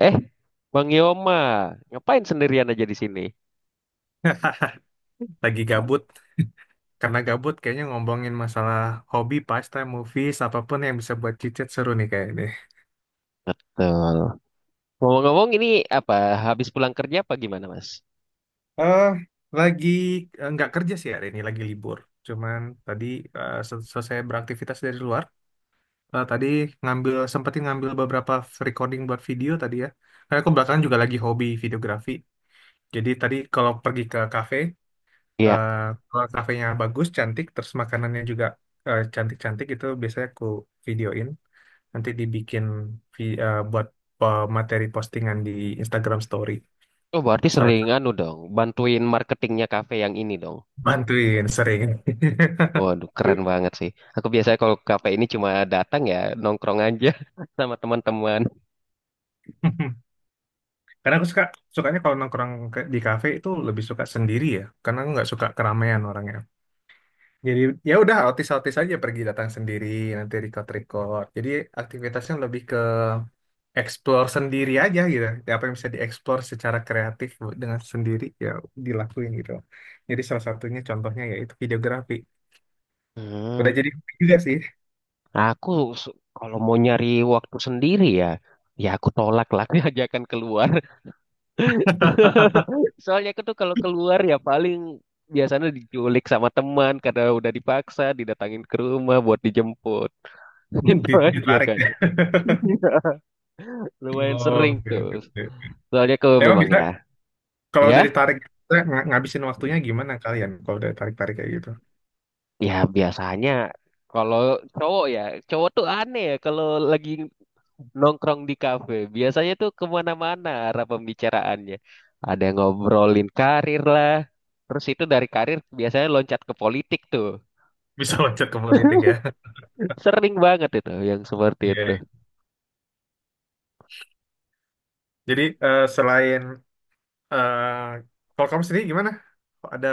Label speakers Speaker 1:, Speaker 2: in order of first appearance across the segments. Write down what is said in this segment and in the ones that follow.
Speaker 1: Eh, Bang Yoma, ngapain sendirian aja di sini?
Speaker 2: Lagi gabut, karena gabut kayaknya ngomongin masalah hobi, pastime, movies, apapun yang bisa buat cicit seru nih kayak ini.
Speaker 1: Betul. Ngomong-ngomong ini apa, habis pulang kerja apa gimana, Mas?
Speaker 2: Eh, lagi nggak kerja sih hari ini, lagi libur. Cuman tadi selesai beraktivitas dari luar, tadi sempetin ngambil beberapa recording buat video tadi ya. Karena aku belakangan juga lagi hobi videografi. Jadi tadi kalau pergi ke kafe,
Speaker 1: Iya.
Speaker 2: eh, kalau kafenya bagus, cantik, terus makanannya juga cantik-cantik itu biasanya aku videoin. Nanti dibikin buat materi postingan di Instagram Story.
Speaker 1: Oh, berarti
Speaker 2: Salah
Speaker 1: sering
Speaker 2: satu.
Speaker 1: anu dong, bantuin marketingnya kafe yang ini dong.
Speaker 2: Bantuin sering.
Speaker 1: Waduh, keren banget sih. Aku biasanya kalau ke kafe ini cuma datang ya, nongkrong aja sama teman-teman.
Speaker 2: Karena aku sukanya kalau nongkrong di kafe itu lebih suka sendiri ya, karena aku nggak suka keramaian orangnya. Jadi ya udah autis-autis aja pergi datang sendiri, nanti record-record. Jadi aktivitasnya lebih ke explore sendiri aja gitu. Ya, apa yang bisa dieksplor secara kreatif dengan sendiri ya dilakuin gitu. Jadi salah satunya contohnya yaitu videografi.
Speaker 1: Hmm.
Speaker 2: Udah jadi hobi juga sih.
Speaker 1: Aku Kalau mau nyari waktu sendiri ya, ya aku tolak lah ajakan keluar. Soalnya aku tuh kalau keluar ya paling biasanya diculik sama teman karena udah dipaksa didatangin ke rumah buat dijemput. Itu aja
Speaker 2: Ditarik.
Speaker 1: kan. Lumayan
Speaker 2: Oh,
Speaker 1: sering
Speaker 2: oke,
Speaker 1: tuh.
Speaker 2: oke.
Speaker 1: Soalnya kalau
Speaker 2: Emang
Speaker 1: memang
Speaker 2: bisa
Speaker 1: ya,
Speaker 2: kalau dari
Speaker 1: ya,
Speaker 2: tarik, ngabisin waktunya gimana kalian kalau dari tarik-tarik kayak gitu?
Speaker 1: biasanya kalau cowok ya, cowok tuh aneh ya kalau lagi nongkrong di kafe. Biasanya tuh kemana-mana arah pembicaraannya. Ada yang ngobrolin karir lah. Terus itu dari karir biasanya loncat ke politik tuh.
Speaker 2: Bisa loncat ke politik ya.
Speaker 1: Sering banget itu yang seperti itu.
Speaker 2: Iya. Jadi selain eh, kalau kamu sendiri gimana? Ada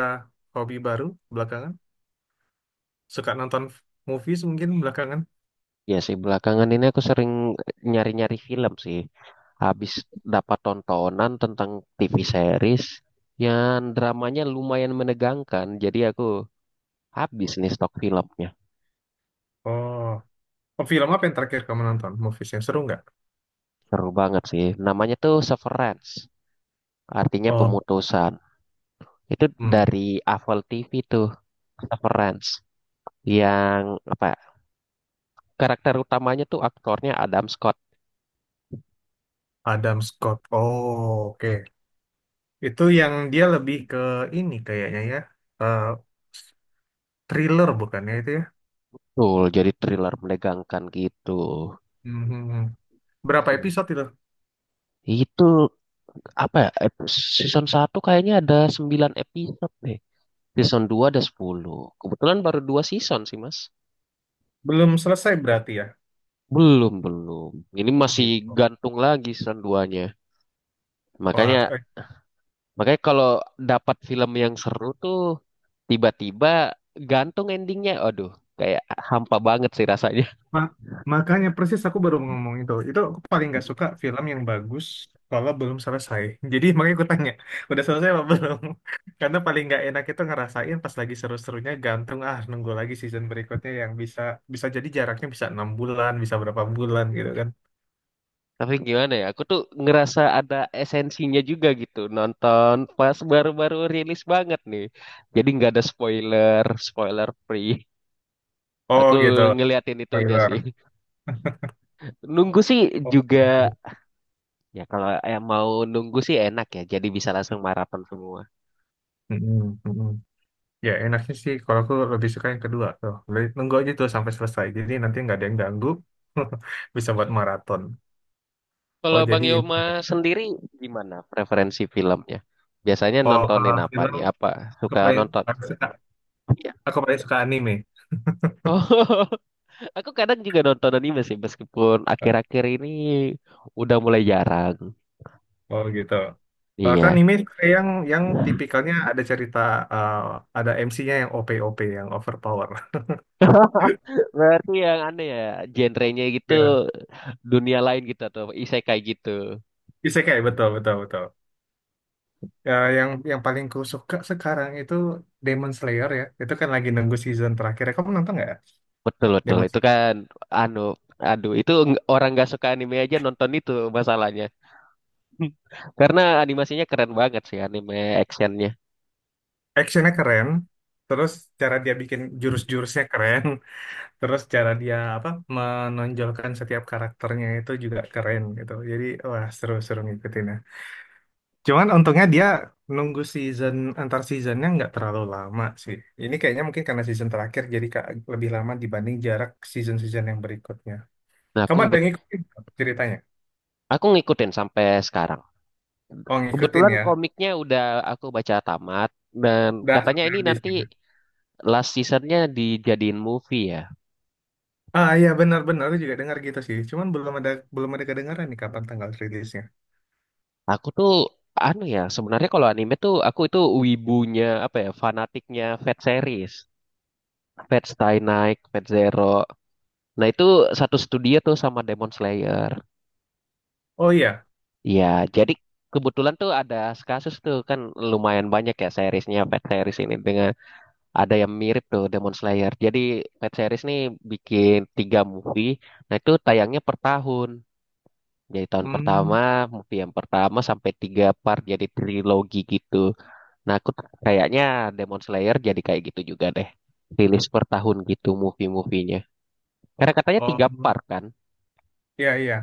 Speaker 2: hobi baru belakangan? Suka nonton movies mungkin belakangan?
Speaker 1: Ya sih, belakangan ini aku sering nyari-nyari film sih. Habis dapat tontonan tentang TV series yang dramanya lumayan menegangkan. Jadi aku habis nih stok filmnya.
Speaker 2: Oh, oh, film apa yang terakhir kamu nonton? Movies yang seru nggak?
Speaker 1: Seru banget sih. Namanya tuh Severance, artinya
Speaker 2: Oh,
Speaker 1: pemutusan. Itu
Speaker 2: hmm.
Speaker 1: dari Apple TV tuh, Severance. Yang apa ya, karakter utamanya tuh aktornya Adam Scott.
Speaker 2: Adam Scott. Oh, oke. Itu yang dia lebih ke ini kayaknya ya. eh, Thriller bukannya itu ya?
Speaker 1: Tuh, jadi thriller menegangkan gitu.
Speaker 2: Mhm. Berapa
Speaker 1: Sini.
Speaker 2: episode itu?
Speaker 1: Itu apa ya ep- season 1 kayaknya ada 9 episode deh, season 2 ada 10, kebetulan baru 2 season sih, Mas.
Speaker 2: Belum selesai berarti ya?
Speaker 1: Belum, belum. Ini
Speaker 2: Oh,
Speaker 1: masih
Speaker 2: gitu.
Speaker 1: gantung lagi season duanya.
Speaker 2: Wah,
Speaker 1: Makanya makanya kalau dapat film yang seru tuh tiba-tiba gantung endingnya, aduh, kayak hampa banget sih rasanya.
Speaker 2: ma- makanya persis aku baru ngomong itu. Itu aku paling nggak suka film yang bagus kalau belum selesai. Jadi makanya aku tanya, udah selesai apa belum? Karena paling nggak enak itu ngerasain pas lagi seru-serunya gantung ah nunggu lagi season berikutnya yang bisa bisa jadi jaraknya bisa 6 bulan, bisa berapa bulan gitu kan.
Speaker 1: Tapi gimana ya, aku tuh ngerasa ada esensinya juga gitu nonton pas baru-baru rilis banget nih. Jadi nggak ada spoiler, spoiler free.
Speaker 2: Oh
Speaker 1: Aku
Speaker 2: gitu.
Speaker 1: ngeliatin itunya
Speaker 2: Spoiler.
Speaker 1: sih. Nunggu sih
Speaker 2: Oh,
Speaker 1: juga,
Speaker 2: gitu.
Speaker 1: ya kalau yang mau nunggu sih enak ya. Jadi bisa langsung maraton semua.
Speaker 2: Mm-mm, mm-mm. Ya enaknya sih kalau aku lebih suka yang kedua tuh. Lebih nunggu aja tuh sampai selesai. Jadi nanti nggak ada yang ganggu. Bisa buat maraton. Oh
Speaker 1: Kalau Bang
Speaker 2: jadi ini.
Speaker 1: Yoma sendiri gimana preferensi filmnya? Biasanya
Speaker 2: Oh kalau
Speaker 1: nontonin apa
Speaker 2: film
Speaker 1: nih? Apa
Speaker 2: aku
Speaker 1: suka
Speaker 2: paling
Speaker 1: nonton?
Speaker 2: aku suka,
Speaker 1: Iya.
Speaker 2: aku paling suka anime.
Speaker 1: Oh, aku kadang juga nonton anime sih, meskipun akhir-akhir ini udah mulai jarang.
Speaker 2: Oh gitu. Kalau kan
Speaker 1: Iya.
Speaker 2: anime suka yang tipikalnya ada cerita eh, ada MC-nya yang OP-OP yang overpower.
Speaker 1: Berarti yang aneh ya, genrenya gitu,
Speaker 2: Ya,
Speaker 1: dunia lain gitu atau isekai gitu.
Speaker 2: isekai betul betul betul. Ya, yang paling ku suka sekarang itu Demon Slayer ya. Itu kan lagi nunggu season terakhir. Kamu nonton nggak?
Speaker 1: Betul, betul, itu
Speaker 2: Demonstrasi
Speaker 1: kan anu, aduh itu orang nggak suka anime aja nonton itu masalahnya. Karena animasinya keren banget sih, anime actionnya.
Speaker 2: actionnya keren, terus cara dia bikin jurus-jurusnya keren, terus cara dia apa menonjolkan setiap karakternya itu juga keren gitu. Jadi wah, seru-seru ngikutin ya. Cuman untungnya dia nunggu antar seasonnya nggak terlalu lama sih. Ini kayaknya mungkin karena season terakhir jadi lebih lama dibanding jarak season-season yang berikutnya.
Speaker 1: Nah aku
Speaker 2: Kamu ada
Speaker 1: kebet-
Speaker 2: ngikutin ceritanya?
Speaker 1: aku ngikutin sampai sekarang.
Speaker 2: Oh, ngikutin
Speaker 1: Kebetulan
Speaker 2: ya.
Speaker 1: komiknya udah aku baca tamat, dan
Speaker 2: Dah
Speaker 1: katanya
Speaker 2: sampai
Speaker 1: ini
Speaker 2: habis
Speaker 1: nanti
Speaker 2: ya.
Speaker 1: last seasonnya dijadiin movie ya.
Speaker 2: Ah iya, benar-benar aku juga dengar gitu sih. Cuman belum ada kedengaran nih kapan tanggal rilisnya.
Speaker 1: Aku tuh anu ya, sebenarnya kalau anime tuh aku itu wibunya apa ya, fanatiknya Fat series. Fate Stay Night, Fate Zero. Nah itu satu studio tuh sama Demon Slayer.
Speaker 2: Oh iya.
Speaker 1: Iya, jadi kebetulan tuh ada kasus tuh kan lumayan banyak ya seriesnya, Pet Series ini dengan ada yang mirip tuh Demon Slayer. Jadi Pet Series nih bikin 3 movie, nah itu tayangnya per tahun. Jadi tahun
Speaker 2: Hmm.
Speaker 1: pertama, movie yang pertama sampai 3 part jadi trilogi gitu. Kayaknya Demon Slayer jadi kayak gitu juga deh. Rilis per tahun gitu movie-movienya. Karena katanya
Speaker 2: Oh,
Speaker 1: 3 part kan.
Speaker 2: iya iya.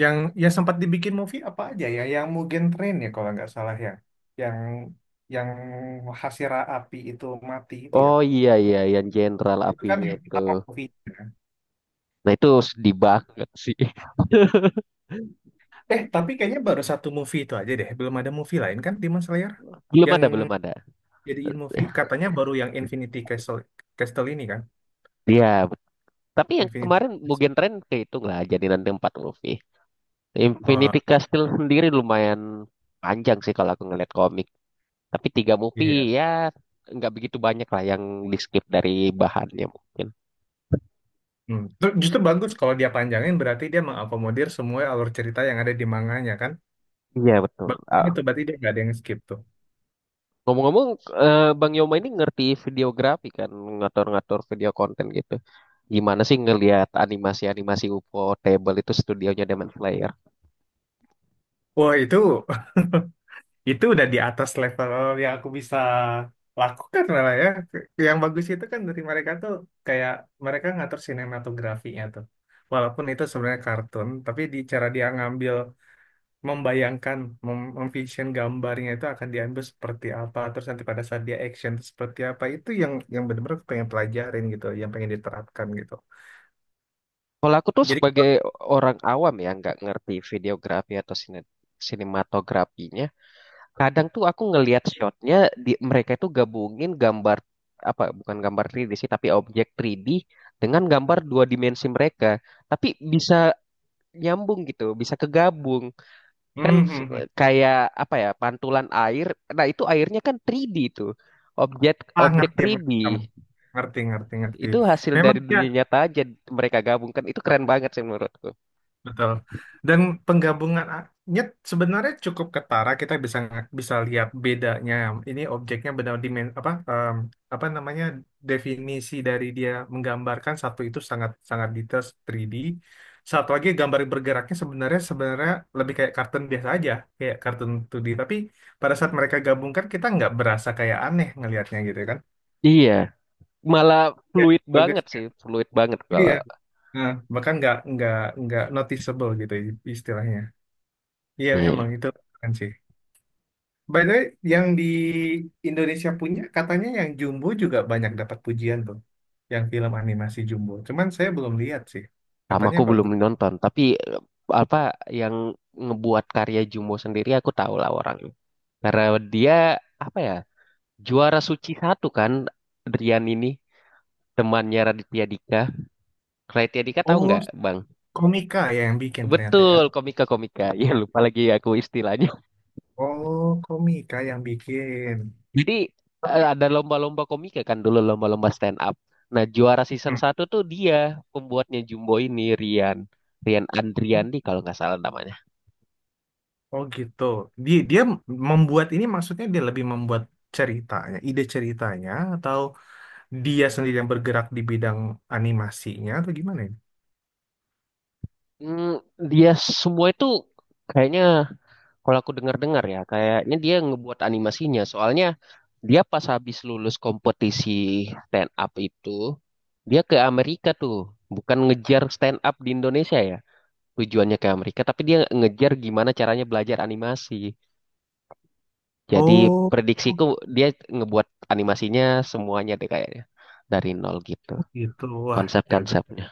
Speaker 2: Yang yang sempat dibikin movie apa aja ya? Yang Mugen Train ya kalau nggak salah ya. Yang yang Hasira Api itu mati itu ya.
Speaker 1: Oh iya iya, yang Jenderal
Speaker 2: Itu kan
Speaker 1: Apinya
Speaker 2: yang
Speaker 1: itu.
Speaker 2: pertama movie.
Speaker 1: Nah itu sedih banget sih.
Speaker 2: Tapi kayaknya baru satu movie itu aja deh. Belum ada movie lain kan Demon Slayer?
Speaker 1: Belum
Speaker 2: Yang
Speaker 1: ada, belum ada.
Speaker 2: jadiin movie katanya baru yang Infinity Castle Castle ini kan?
Speaker 1: Iya, tapi yang
Speaker 2: Infinity.
Speaker 1: kemarin Mugen Train kehitung lah, jadi nanti 4 movie.
Speaker 2: Oh
Speaker 1: Infinity Castle sendiri lumayan panjang sih kalau aku ngeliat komik. Tapi 3 movie
Speaker 2: iya.
Speaker 1: ya nggak begitu banyak lah yang di skip dari bahannya mungkin.
Speaker 2: Hmm. Justru bagus kalau dia panjangin berarti dia mengakomodir semua alur cerita yang ada di manganya kan?
Speaker 1: Iya betul.
Speaker 2: Berarti
Speaker 1: Ah,
Speaker 2: itu berarti dia nggak ada yang skip tuh.
Speaker 1: ngomong-ngomong, eh, Bang Yoma ini ngerti videografi kan, ngatur-ngatur video konten gitu. Gimana sih ngelihat animasi-animasi UFO Table itu studionya Demon Slayer?
Speaker 2: Wah, itu itu udah di atas level yang aku bisa lakukan lah ya. Yang bagus itu kan dari mereka tuh kayak mereka ngatur sinematografinya tuh. Walaupun itu sebenarnya kartun, tapi di cara dia ngambil membayangkan, memvision gambarnya itu akan diambil seperti apa, terus nanti pada saat dia action itu seperti apa, itu yang benar-benar aku pengen pelajarin gitu, yang pengen diterapkan gitu.
Speaker 1: Kalau aku tuh
Speaker 2: Jadi,
Speaker 1: sebagai orang awam ya, nggak ngerti videografi atau sinematografinya, kadang tuh aku ngelihat shotnya di mereka itu gabungin gambar, apa bukan gambar 3D sih tapi objek 3D dengan gambar dua dimensi mereka, tapi bisa nyambung gitu, bisa kegabung kan, kayak apa ya, pantulan air, nah itu airnya kan 3D tuh objek
Speaker 2: Ah,
Speaker 1: objek
Speaker 2: ngerti,
Speaker 1: 3D
Speaker 2: maksud kamu. Ngerti, ngerti, ngerti.
Speaker 1: itu hasil
Speaker 2: Memang
Speaker 1: dari
Speaker 2: ya,
Speaker 1: dunia nyata aja mereka gabungkan, itu keren banget sih menurutku.
Speaker 2: betul. Dan penggabungannya sebenarnya cukup ketara. Kita bisa bisa lihat bedanya. Ini objeknya benar apa apa namanya, definisi dari dia menggambarkan satu itu sangat sangat detail 3D. Satu lagi gambar bergeraknya sebenarnya sebenarnya lebih kayak kartun biasa aja, kayak kartun 2D. Tapi pada saat mereka gabungkan kita nggak berasa kayak aneh ngelihatnya gitu kan.
Speaker 1: Iya. Malah
Speaker 2: Ya,
Speaker 1: fluid
Speaker 2: bagus
Speaker 1: banget sih,
Speaker 2: kan.
Speaker 1: fluid banget kalau.
Speaker 2: Iya. Nah, bahkan nggak noticeable gitu istilahnya. Iya
Speaker 1: Iya.
Speaker 2: memang itu kan sih. By the way, yang di Indonesia punya katanya yang Jumbo juga banyak dapat pujian tuh, yang film animasi Jumbo. Cuman saya belum lihat sih.
Speaker 1: Sama,
Speaker 2: Katanya
Speaker 1: aku belum
Speaker 2: bagus.
Speaker 1: nonton, tapi eh, apa yang ngebuat karya Jumbo sendiri aku tahu lah orangnya. Karena dia apa ya, juara SUCI 1 kan Rian ini, temannya Raditya Dika. Raditya Dika tahu
Speaker 2: Oh,
Speaker 1: nggak, Bang?
Speaker 2: komika ya yang bikin ternyata ya.
Speaker 1: Betul, komika-komika. Ya lupa lagi aku istilahnya.
Speaker 2: Oh, komika yang bikin.
Speaker 1: Jadi eh, ada lomba-lomba komika kan dulu, lomba-lomba stand up. Nah, juara season
Speaker 2: Hmm.
Speaker 1: satu tuh dia pembuatnya Jumbo ini, Rian. Rian Andriandi kalau nggak salah namanya.
Speaker 2: Oh gitu. Dia dia membuat ini maksudnya dia lebih membuat ceritanya, ide ceritanya atau dia sendiri yang bergerak di bidang animasinya atau gimana ya?
Speaker 1: Hmm, dia semua itu kayaknya kalau aku dengar-dengar ya, kayaknya dia ngebuat animasinya. Soalnya dia pas habis lulus kompetisi stand up itu dia ke Amerika tuh, bukan ngejar stand up di Indonesia ya. Tujuannya ke Amerika tapi dia ngejar gimana caranya belajar animasi. Jadi
Speaker 2: Oh,
Speaker 1: prediksiku dia ngebuat animasinya semuanya deh kayaknya, dari nol gitu
Speaker 2: oh gitu. Wah, jago.
Speaker 1: konsep-konsepnya.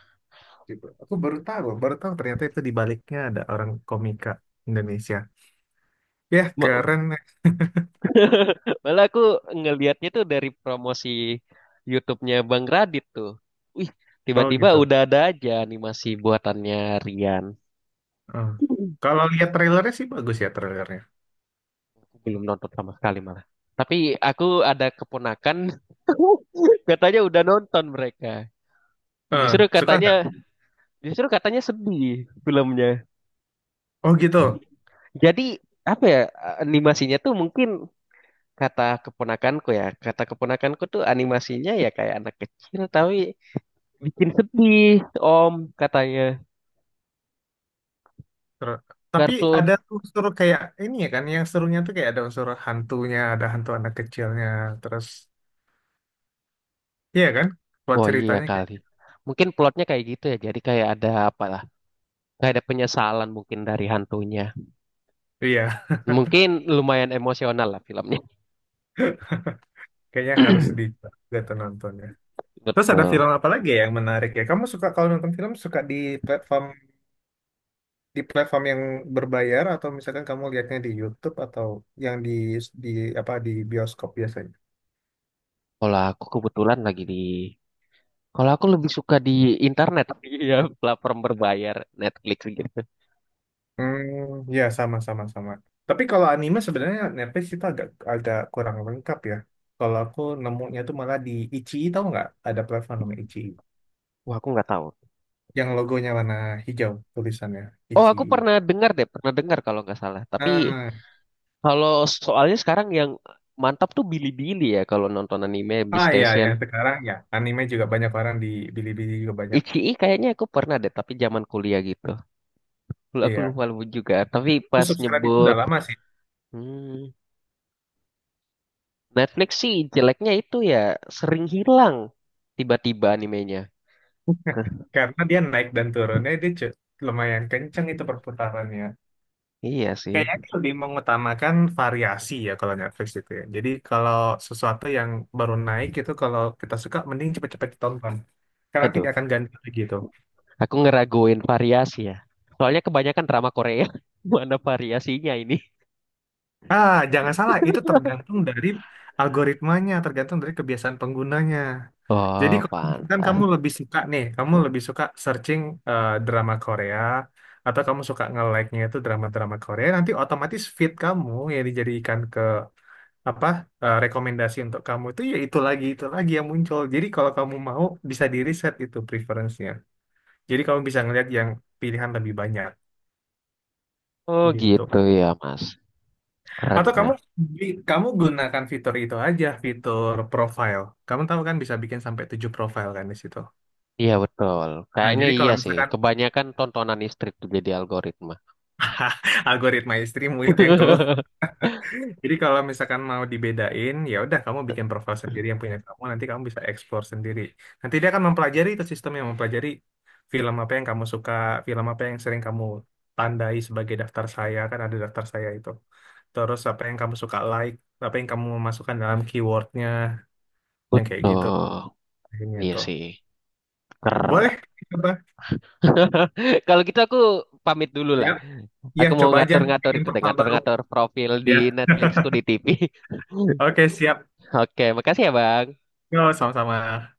Speaker 2: Gitu. Aku baru tahu ternyata itu di baliknya ada orang komika Indonesia. Ya,
Speaker 1: Ma-
Speaker 2: keren. Eh.
Speaker 1: Malah aku ngelihatnya tuh dari promosi YouTube-nya Bang Radit tuh. Wih,
Speaker 2: Oh
Speaker 1: tiba-tiba
Speaker 2: gitu.
Speaker 1: udah ada aja animasi buatannya Rian.
Speaker 2: Eh.
Speaker 1: Aku
Speaker 2: Kalau lihat trailernya sih bagus ya trailernya.
Speaker 1: belum nonton sama sekali malah. Tapi aku ada keponakan katanya udah nonton mereka.
Speaker 2: Eh,
Speaker 1: Justru
Speaker 2: suka
Speaker 1: katanya,
Speaker 2: nggak?
Speaker 1: sedih filmnya.
Speaker 2: Oh gitu.
Speaker 1: Jadi apa ya, animasinya tuh mungkin, kata keponakanku ya, kata keponakanku tuh animasinya ya kayak anak kecil tapi bikin sedih, Om, katanya
Speaker 2: Ter- Tapi
Speaker 1: kartun.
Speaker 2: ada unsur kayak ini ya kan, yang serunya tuh kayak ada unsur hantunya, ada hantu anak kecilnya, terus iya kan? Buat
Speaker 1: Oh iya
Speaker 2: ceritanya kayak,
Speaker 1: kali. Mungkin plotnya kayak gitu ya. Jadi kayak ada apa lah, kayak ada penyesalan mungkin dari hantunya.
Speaker 2: iya,
Speaker 1: Mungkin lumayan emosional lah filmnya.
Speaker 2: kayaknya harus di gitu nontonnya. Terus ada
Speaker 1: Betul.
Speaker 2: film apa lagi ya yang menarik ya? Kamu suka kalau nonton film suka di platform yang berbayar atau misalkan kamu lihatnya di YouTube atau yang di apa di bioskop biasanya?
Speaker 1: Kalau aku kebetulan lagi di, kalau aku lebih suka di internet, ya platform berbayar Netflix gitu.
Speaker 2: Hmm, ya sama sama sama. Tapi kalau anime sebenarnya Netflix itu agak agak kurang lengkap ya. Kalau aku nemunya tuh malah di Ichi tahu nggak? Ada platform namanya Ichi
Speaker 1: Wah, aku nggak tahu.
Speaker 2: yang logonya warna hijau tulisannya
Speaker 1: Oh,
Speaker 2: Ichi.
Speaker 1: aku pernah dengar deh, pernah dengar kalau nggak salah. Tapi
Speaker 2: Ah,
Speaker 1: kalau soalnya sekarang yang mantap tuh Bilibili ya kalau nonton anime di
Speaker 2: ah ya
Speaker 1: Station.
Speaker 2: yang sekarang ya anime juga banyak orang di Bilibili juga banyak.
Speaker 1: Ichi'i kayaknya aku pernah deh, tapi zaman kuliah gitu. Aku
Speaker 2: Iya.
Speaker 1: lupa lupa juga, tapi
Speaker 2: Aku
Speaker 1: pas
Speaker 2: subscribe itu udah
Speaker 1: nyebut.
Speaker 2: lama sih,
Speaker 1: Hmm, Netflix sih jeleknya itu ya sering hilang tiba-tiba animenya. Hah,
Speaker 2: karena dia naik dan turunnya dia lumayan kenceng itu perputarannya.
Speaker 1: iya sih.
Speaker 2: Kayaknya dia lebih mengutamakan variasi ya kalau Netflix itu ya. Jadi kalau sesuatu yang baru naik itu kalau kita suka mending cepet-cepet ditonton. Karena tidak
Speaker 1: Aduh,
Speaker 2: akan ganti lagi itu.
Speaker 1: aku ngeraguin variasi ya. Soalnya kebanyakan drama Korea. Mana variasinya ini?
Speaker 2: Ah, jangan salah, itu tergantung dari algoritmanya, tergantung dari kebiasaan penggunanya. Jadi
Speaker 1: Oh,
Speaker 2: kan kamu
Speaker 1: pantas.
Speaker 2: lebih suka nih, kamu lebih suka searching drama Korea atau kamu suka nge-like-nya itu drama-drama Korea, nanti otomatis feed kamu yang dijadikan ke apa rekomendasi untuk kamu itu ya itu lagi yang muncul. Jadi kalau kamu mau bisa di reset itu preference-nya. Jadi kamu bisa ngeliat yang pilihan lebih banyak
Speaker 1: Oh
Speaker 2: gitu.
Speaker 1: gitu ya, Mas. Keren.
Speaker 2: Atau kamu kamu gunakan fitur itu aja, fitur profile. Kamu tahu kan bisa bikin sampai 7 profile kan di situ.
Speaker 1: Iya betul.
Speaker 2: Nah,
Speaker 1: Kayaknya
Speaker 2: jadi
Speaker 1: iya
Speaker 2: kalau
Speaker 1: sih.
Speaker 2: misalkan
Speaker 1: Kebanyakan tontonan istri tuh jadi algoritma.
Speaker 2: algoritma istrimu itu yang keluar. Jadi kalau misalkan mau dibedain, ya udah kamu bikin profil sendiri yang punya kamu, nanti kamu bisa explore sendiri. Nanti dia akan mempelajari itu sistem yang mempelajari film apa yang kamu suka, film apa yang sering kamu tandai sebagai daftar saya, kan ada daftar saya itu. Terus apa yang kamu suka like, apa yang kamu masukkan dalam keywordnya, yang kayak gitu.
Speaker 1: Betul.
Speaker 2: Kayaknya
Speaker 1: Iya
Speaker 2: itu.
Speaker 1: sih. Keren.
Speaker 2: Boleh, coba.
Speaker 1: Kalau gitu aku pamit dulu
Speaker 2: Ya,
Speaker 1: lah.
Speaker 2: ya
Speaker 1: Aku mau
Speaker 2: coba aja
Speaker 1: ngatur-ngatur
Speaker 2: bikin
Speaker 1: itu deh,
Speaker 2: profil baru.
Speaker 1: ngatur-ngatur profil di
Speaker 2: Ya.
Speaker 1: Netflixku di TV.
Speaker 2: Oke, siap.
Speaker 1: Oke, makasih ya, Bang.
Speaker 2: Yo, sama-sama.